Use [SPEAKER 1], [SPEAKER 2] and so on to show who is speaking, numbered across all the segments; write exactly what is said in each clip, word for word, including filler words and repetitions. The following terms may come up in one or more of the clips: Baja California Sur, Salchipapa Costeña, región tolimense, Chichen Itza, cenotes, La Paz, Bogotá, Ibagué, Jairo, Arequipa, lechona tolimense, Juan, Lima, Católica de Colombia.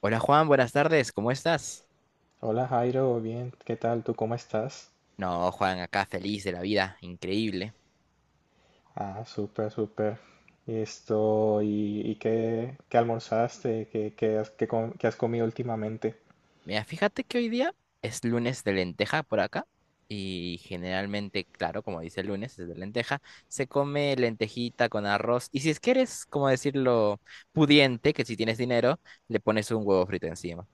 [SPEAKER 1] Hola Juan, buenas tardes, ¿cómo estás?
[SPEAKER 2] Hola Jairo, bien, ¿qué tal? ¿Tú cómo estás?
[SPEAKER 1] No, Juan, acá feliz de la vida, increíble.
[SPEAKER 2] Ah, súper, súper. Y esto, ¿y, y qué, qué almorzaste? ¿Qué, qué has, qué com- qué has comido últimamente?
[SPEAKER 1] Mira, fíjate que hoy día es lunes de lenteja por acá y generalmente, claro, como dice el lunes, es de lenteja, se come lentejita con arroz y si es que eres, como decirlo, pudiente, que si tienes dinero, le pones un huevo frito encima.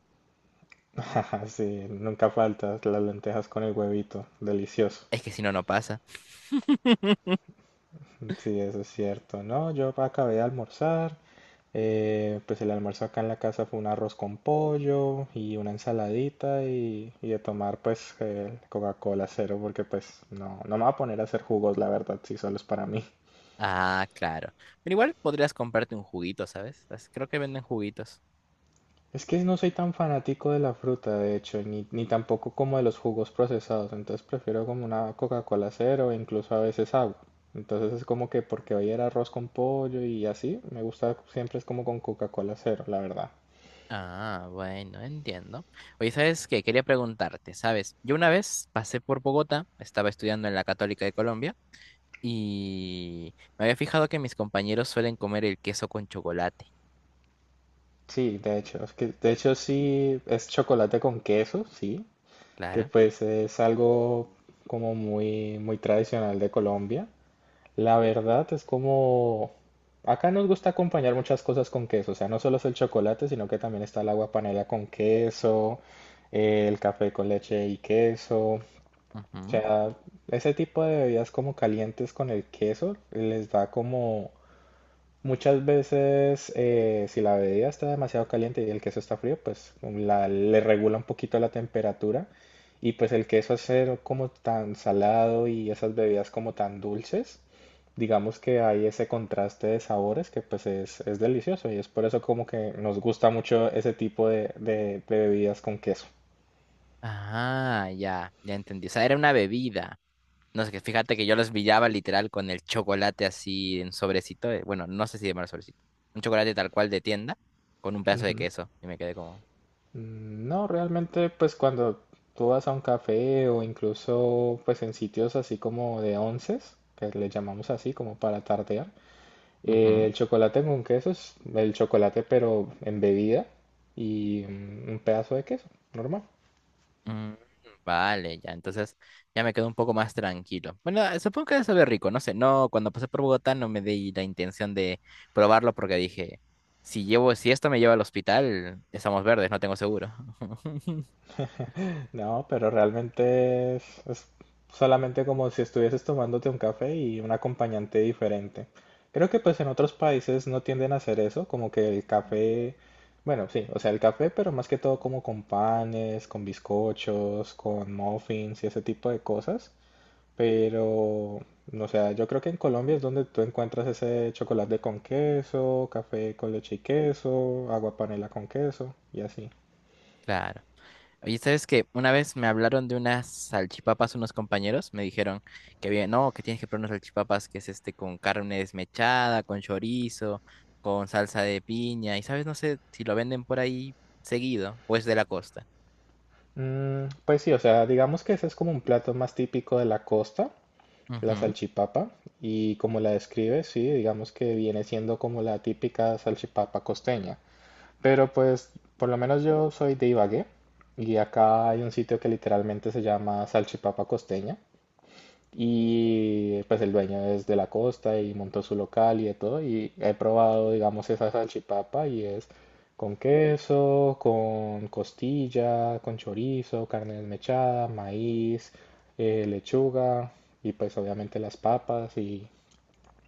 [SPEAKER 2] Sí, nunca faltas las lentejas con el huevito, delicioso.
[SPEAKER 1] Es que si no, no pasa.
[SPEAKER 2] Sí, eso es cierto. No, yo acabé de almorzar. eh, pues el almuerzo acá en la casa fue un arroz con pollo y una ensaladita y, y de tomar pues el Coca-Cola cero porque pues no, no me voy a poner a hacer jugos, la verdad, si solo es para mí.
[SPEAKER 1] Ah, claro. Pero igual podrías comprarte un juguito, ¿sabes? Las- Creo que venden juguitos.
[SPEAKER 2] Es que no soy tan fanático de la fruta, de hecho, ni, ni tampoco como de los jugos procesados, entonces prefiero como una Coca-Cola cero, e incluso a veces agua. Entonces es como que porque hoy era arroz con pollo y así, me gusta siempre es como con Coca-Cola cero, la verdad.
[SPEAKER 1] Ah, bueno, entiendo. Oye, ¿sabes qué? Quería preguntarte, ¿sabes? Yo una vez pasé por Bogotá, estaba estudiando en la Católica de Colombia y me había fijado que mis compañeros suelen comer el queso con chocolate,
[SPEAKER 2] Sí, de hecho, es que de hecho sí es chocolate con queso, sí, que
[SPEAKER 1] claro.
[SPEAKER 2] pues es algo como muy muy tradicional de Colombia. La verdad es como... Acá nos gusta acompañar muchas cosas con queso, o sea, no solo es el chocolate, sino que también está el agua panela con queso, eh, el café con leche y queso. O
[SPEAKER 1] Ujú.
[SPEAKER 2] sea, ese tipo de bebidas como calientes con el queso les da como muchas veces, eh, si la bebida está demasiado caliente y el queso está frío, pues la- le regula un poquito la temperatura. Y pues el queso al ser como tan salado y esas bebidas como tan dulces, digamos que hay ese contraste de sabores que pues es, es delicioso y es por eso como que nos gusta mucho ese tipo de, de- de bebidas con queso.
[SPEAKER 1] Ah, ya, ya entendí. O sea, era una bebida. No sé, que fíjate que yo los pillaba literal con el chocolate así en sobrecito. eh, Bueno, no sé si llamarlo sobrecito. Un chocolate tal cual de tienda con un pedazo de queso y me quedé como...
[SPEAKER 2] Mm, no, realmente pues cuando tú vas a un café o incluso pues en sitios así como de onces, que le llamamos así como para tardear,
[SPEAKER 1] ujú.
[SPEAKER 2] eh, el chocolate con queso es el chocolate pero en bebida y mm, un pedazo de queso, normal.
[SPEAKER 1] Mm, vale, ya, entonces ya me quedo un poco más tranquilo. Bueno, eh, supongo que debe saber rico, no sé, no, cuando pasé por Bogotá no me di la intención de probarlo porque dije, si llevo, si esto me lleva al hospital, estamos verdes, no tengo seguro.
[SPEAKER 2] No, pero realmente es, es solamente como si estuvieses tomándote un café y un acompañante diferente. Creo que pues en otros países no tienden a hacer eso, como que el café, bueno, sí, o sea, el café, pero más que todo como con panes, con bizcochos, con muffins y ese tipo de cosas. Pero, o sea, yo creo que en Colombia es donde tú encuentras ese chocolate con queso, café con leche y queso, agua panela con queso y así.
[SPEAKER 1] Claro. Oye, ¿sabes qué? Una vez me hablaron de unas salchipapas unos compañeros, me dijeron que había, no, que tienes que probar unas salchipapas que es este con carne desmechada, con chorizo, con salsa de piña, y sabes, no sé si lo venden por ahí seguido o es de la costa.
[SPEAKER 2] Mm, pues sí, o sea, digamos que ese es como un plato más típico de la costa, la
[SPEAKER 1] Ujú.
[SPEAKER 2] salchipapa, y como la describe, sí, digamos que viene siendo como la típica salchipapa costeña. Pero pues, por lo menos yo soy de Ibagué, y acá hay un sitio que literalmente se llama Salchipapa Costeña, y pues el dueño es de la costa y montó su local y de todo. Y he probado, digamos, esa salchipapa y es con queso, con costilla, con chorizo, carne desmechada, maíz, eh, lechuga y pues obviamente las papas y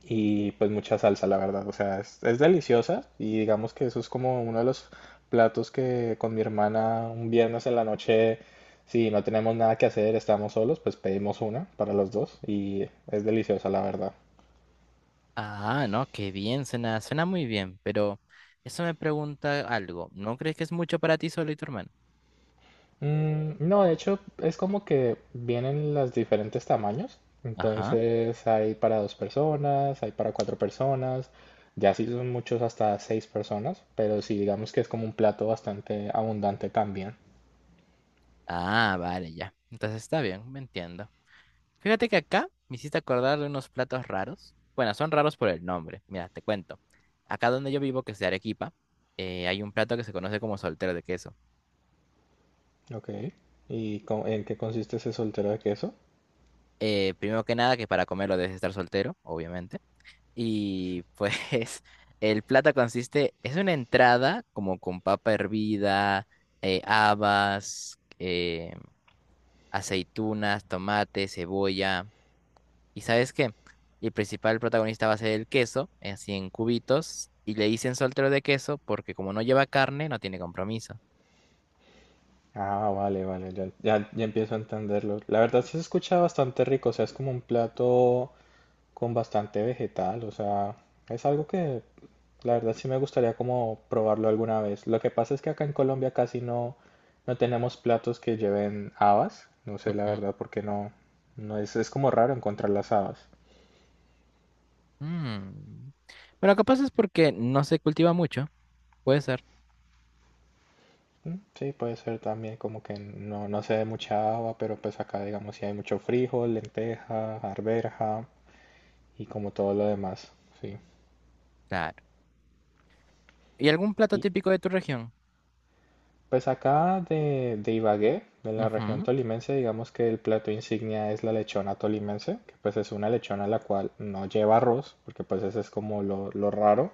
[SPEAKER 2] y pues mucha salsa, la verdad. O sea, es, es deliciosa y digamos que eso es como uno de los platos que con mi hermana un viernes en la noche, si no tenemos nada que hacer, estamos solos, pues pedimos una para los dos y es deliciosa, la verdad.
[SPEAKER 1] Ah, no, qué bien, suena, suena muy bien, pero eso me pregunta algo. ¿No crees que es mucho para ti solo y tu hermano?
[SPEAKER 2] Mm, no, de hecho es como que vienen los diferentes tamaños.
[SPEAKER 1] Ajá.
[SPEAKER 2] Entonces hay para dos personas, hay para cuatro personas, ya si son muchos hasta seis personas, pero sí digamos que es como un plato bastante abundante también.
[SPEAKER 1] Ah, vale, ya. Entonces está bien, me entiendo. Fíjate que acá me hiciste acordar de unos platos raros. Bueno, son raros por el nombre. Mira, te cuento. Acá donde yo vivo, que es de Arequipa, eh, hay un plato que se conoce como soltero de queso.
[SPEAKER 2] Ok. ¿Y co- en qué consiste ese soltero de queso?
[SPEAKER 1] Eh, primero que nada, que para comerlo debes estar soltero, obviamente. Y pues el plata consiste, es una entrada como con papa hervida, eh, habas, eh, aceitunas, tomate, cebolla. ¿Y sabes qué? El principal protagonista va a ser el queso, así en cubitos, y le dicen soltero de queso porque como no lleva carne, no tiene compromiso.
[SPEAKER 2] Ah, vale, vale, ya, ya, ya empiezo a entenderlo. La verdad sí se escucha bastante rico, o sea, es como un plato con bastante vegetal, o sea, es algo que la verdad sí me gustaría como probarlo alguna vez. Lo que pasa es que acá en Colombia casi no, no tenemos platos que lleven habas, no sé la
[SPEAKER 1] Ujú.
[SPEAKER 2] verdad porque no, no es, es como raro encontrar las habas.
[SPEAKER 1] Mm. Bueno, capaz es porque no se cultiva mucho, puede ser.
[SPEAKER 2] Mm, sí, puede ser también como que no, no se dé mucha haba, pero pues acá digamos si hay mucho frijol, lenteja, arberja y como todo lo demás, sí.
[SPEAKER 1] Claro. ¿Y algún plato
[SPEAKER 2] Y
[SPEAKER 1] típico de tu región?
[SPEAKER 2] pues acá de, de Ibagué, de la región
[SPEAKER 1] Ujú,
[SPEAKER 2] tolimense, digamos que el plato insignia es la lechona tolimense, que pues es una lechona la cual no lleva arroz, porque pues ese es como lo, lo raro,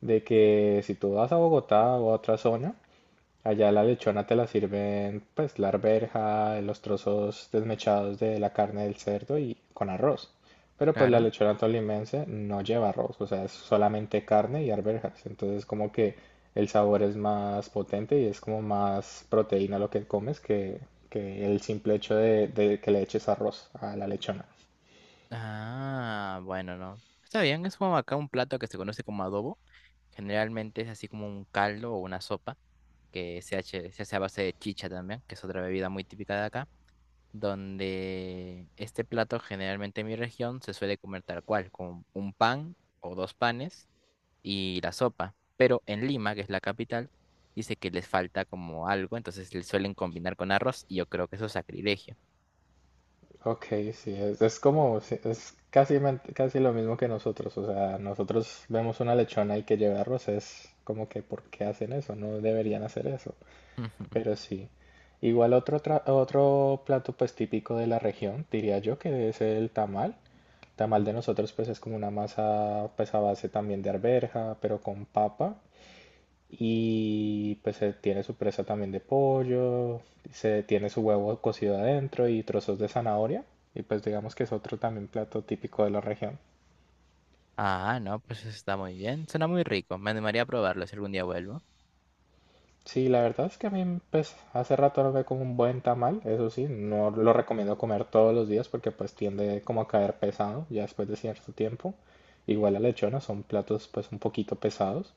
[SPEAKER 2] de que si tú vas a Bogotá o a otra zona, allá la lechona te la sirven, pues, la arveja, los trozos desmechados de la carne del cerdo y con arroz. Pero pues la
[SPEAKER 1] claro.
[SPEAKER 2] lechona tolimense no lleva arroz, o sea, es solamente carne y arvejas. Entonces como que el sabor es más potente y es como más proteína lo que comes que, que el simple hecho de, de que le eches arroz a la lechona.
[SPEAKER 1] Ah, bueno, no. Está bien, es como acá un plato que se conoce como adobo. Generalmente es así como un caldo o una sopa que se hace, se hace a base de chicha también, que es otra bebida muy típica de acá, donde este plato generalmente en mi región se suele comer tal cual, con un pan o dos panes y la sopa. Pero en Lima, que es la capital, dice que les falta como algo, entonces le suelen combinar con arroz y yo creo que eso es sacrilegio.
[SPEAKER 2] Ok, sí, es, es como, sí, es casi, men- casi lo mismo que nosotros, o sea, nosotros vemos una lechona y que llevarlos es como que ¿por qué hacen eso? No deberían hacer eso, pero sí. Igual otro, tra- otro plato pues típico de la región, diría yo, que es el tamal. Tamal de nosotros pues es como una masa pues a base también de arveja, pero con papa y pues eh, tiene su presa también de pollo, se tiene su huevo cocido adentro y trozos de zanahoria. Y pues digamos que es otro también plato típico de la región.
[SPEAKER 1] Ah, no, pues eso está muy bien. Suena muy rico. Me animaría a probarlo si algún día vuelvo.
[SPEAKER 2] Sí, la verdad es que a mí pues hace rato no me como un buen tamal, eso sí, no lo recomiendo comer todos los días porque pues tiende como a caer pesado ya después de cierto tiempo. Igual la lechona son platos pues un poquito pesados.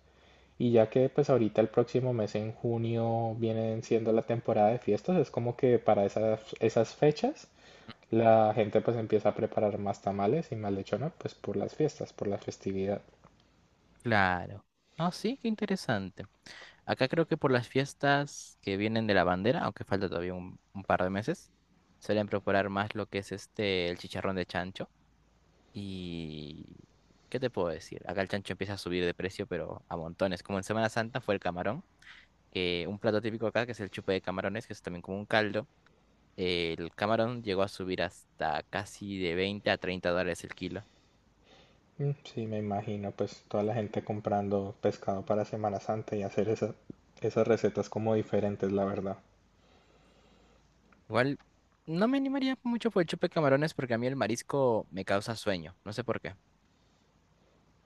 [SPEAKER 2] Y ya que pues ahorita el próximo mes en junio vienen siendo la temporada de fiestas, es como que para esas, esas fechas la gente pues empieza a preparar más tamales y más lechona pues por las fiestas, por la festividad.
[SPEAKER 1] Claro. Ah, sí, qué interesante. Acá creo que por las fiestas que vienen de la bandera, aunque falta todavía un, un par de meses, suelen preparar más lo que es este, el chicharrón de chancho. Y... ¿Qué te puedo decir? Acá el chancho empieza a subir de precio, pero a montones. Como en Semana Santa fue el camarón, que un plato típico acá, que es el chupe de camarones, que es también como un caldo. El camarón llegó a subir hasta casi de veinte a treinta dólares el kilo.
[SPEAKER 2] Mm, sí, me imagino pues toda la gente comprando pescado para Semana Santa y hacer esa- esas recetas como diferentes, la verdad.
[SPEAKER 1] Igual no me animaría mucho por el chupe de camarones porque a mí el marisco me causa sueño, no sé por qué.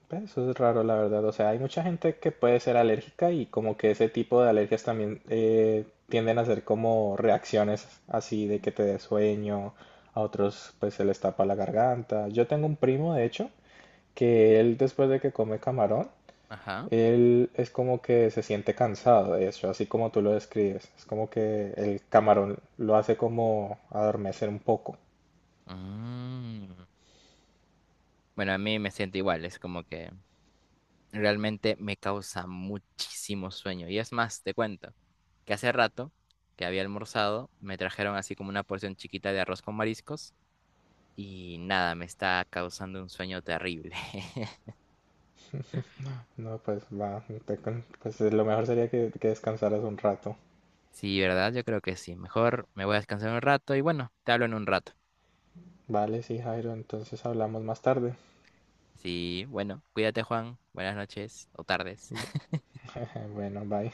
[SPEAKER 2] Pero eso es raro, la verdad. O sea, hay mucha gente que puede ser alérgica y como que ese tipo de alergias también eh, tienden a ser como reacciones así de que te dé sueño, a otros pues se les tapa la garganta. Yo tengo un primo, de hecho, que él después de que come camarón,
[SPEAKER 1] Ajá.
[SPEAKER 2] él es como que se siente cansado, de hecho, así como tú lo describes. Es como que el camarón lo hace como adormecer un poco.
[SPEAKER 1] Mm. Bueno, a mí me siento igual, es como que realmente me causa muchísimo sueño. Y es más, te cuento que hace rato que había almorzado, me trajeron así como una porción chiquita de arroz con mariscos y nada, me está causando un sueño terrible.
[SPEAKER 2] No, pues va, te- pues lo mejor sería que, que descansaras un rato.
[SPEAKER 1] Sí, ¿verdad? Yo creo que sí. Mejor me voy a descansar un rato y bueno, te hablo en un rato.
[SPEAKER 2] Vale, sí, Jairo, entonces hablamos más tarde.
[SPEAKER 1] Sí, bueno, cuídate, Juan. Buenas noches o tardes.
[SPEAKER 2] Bueno, bye.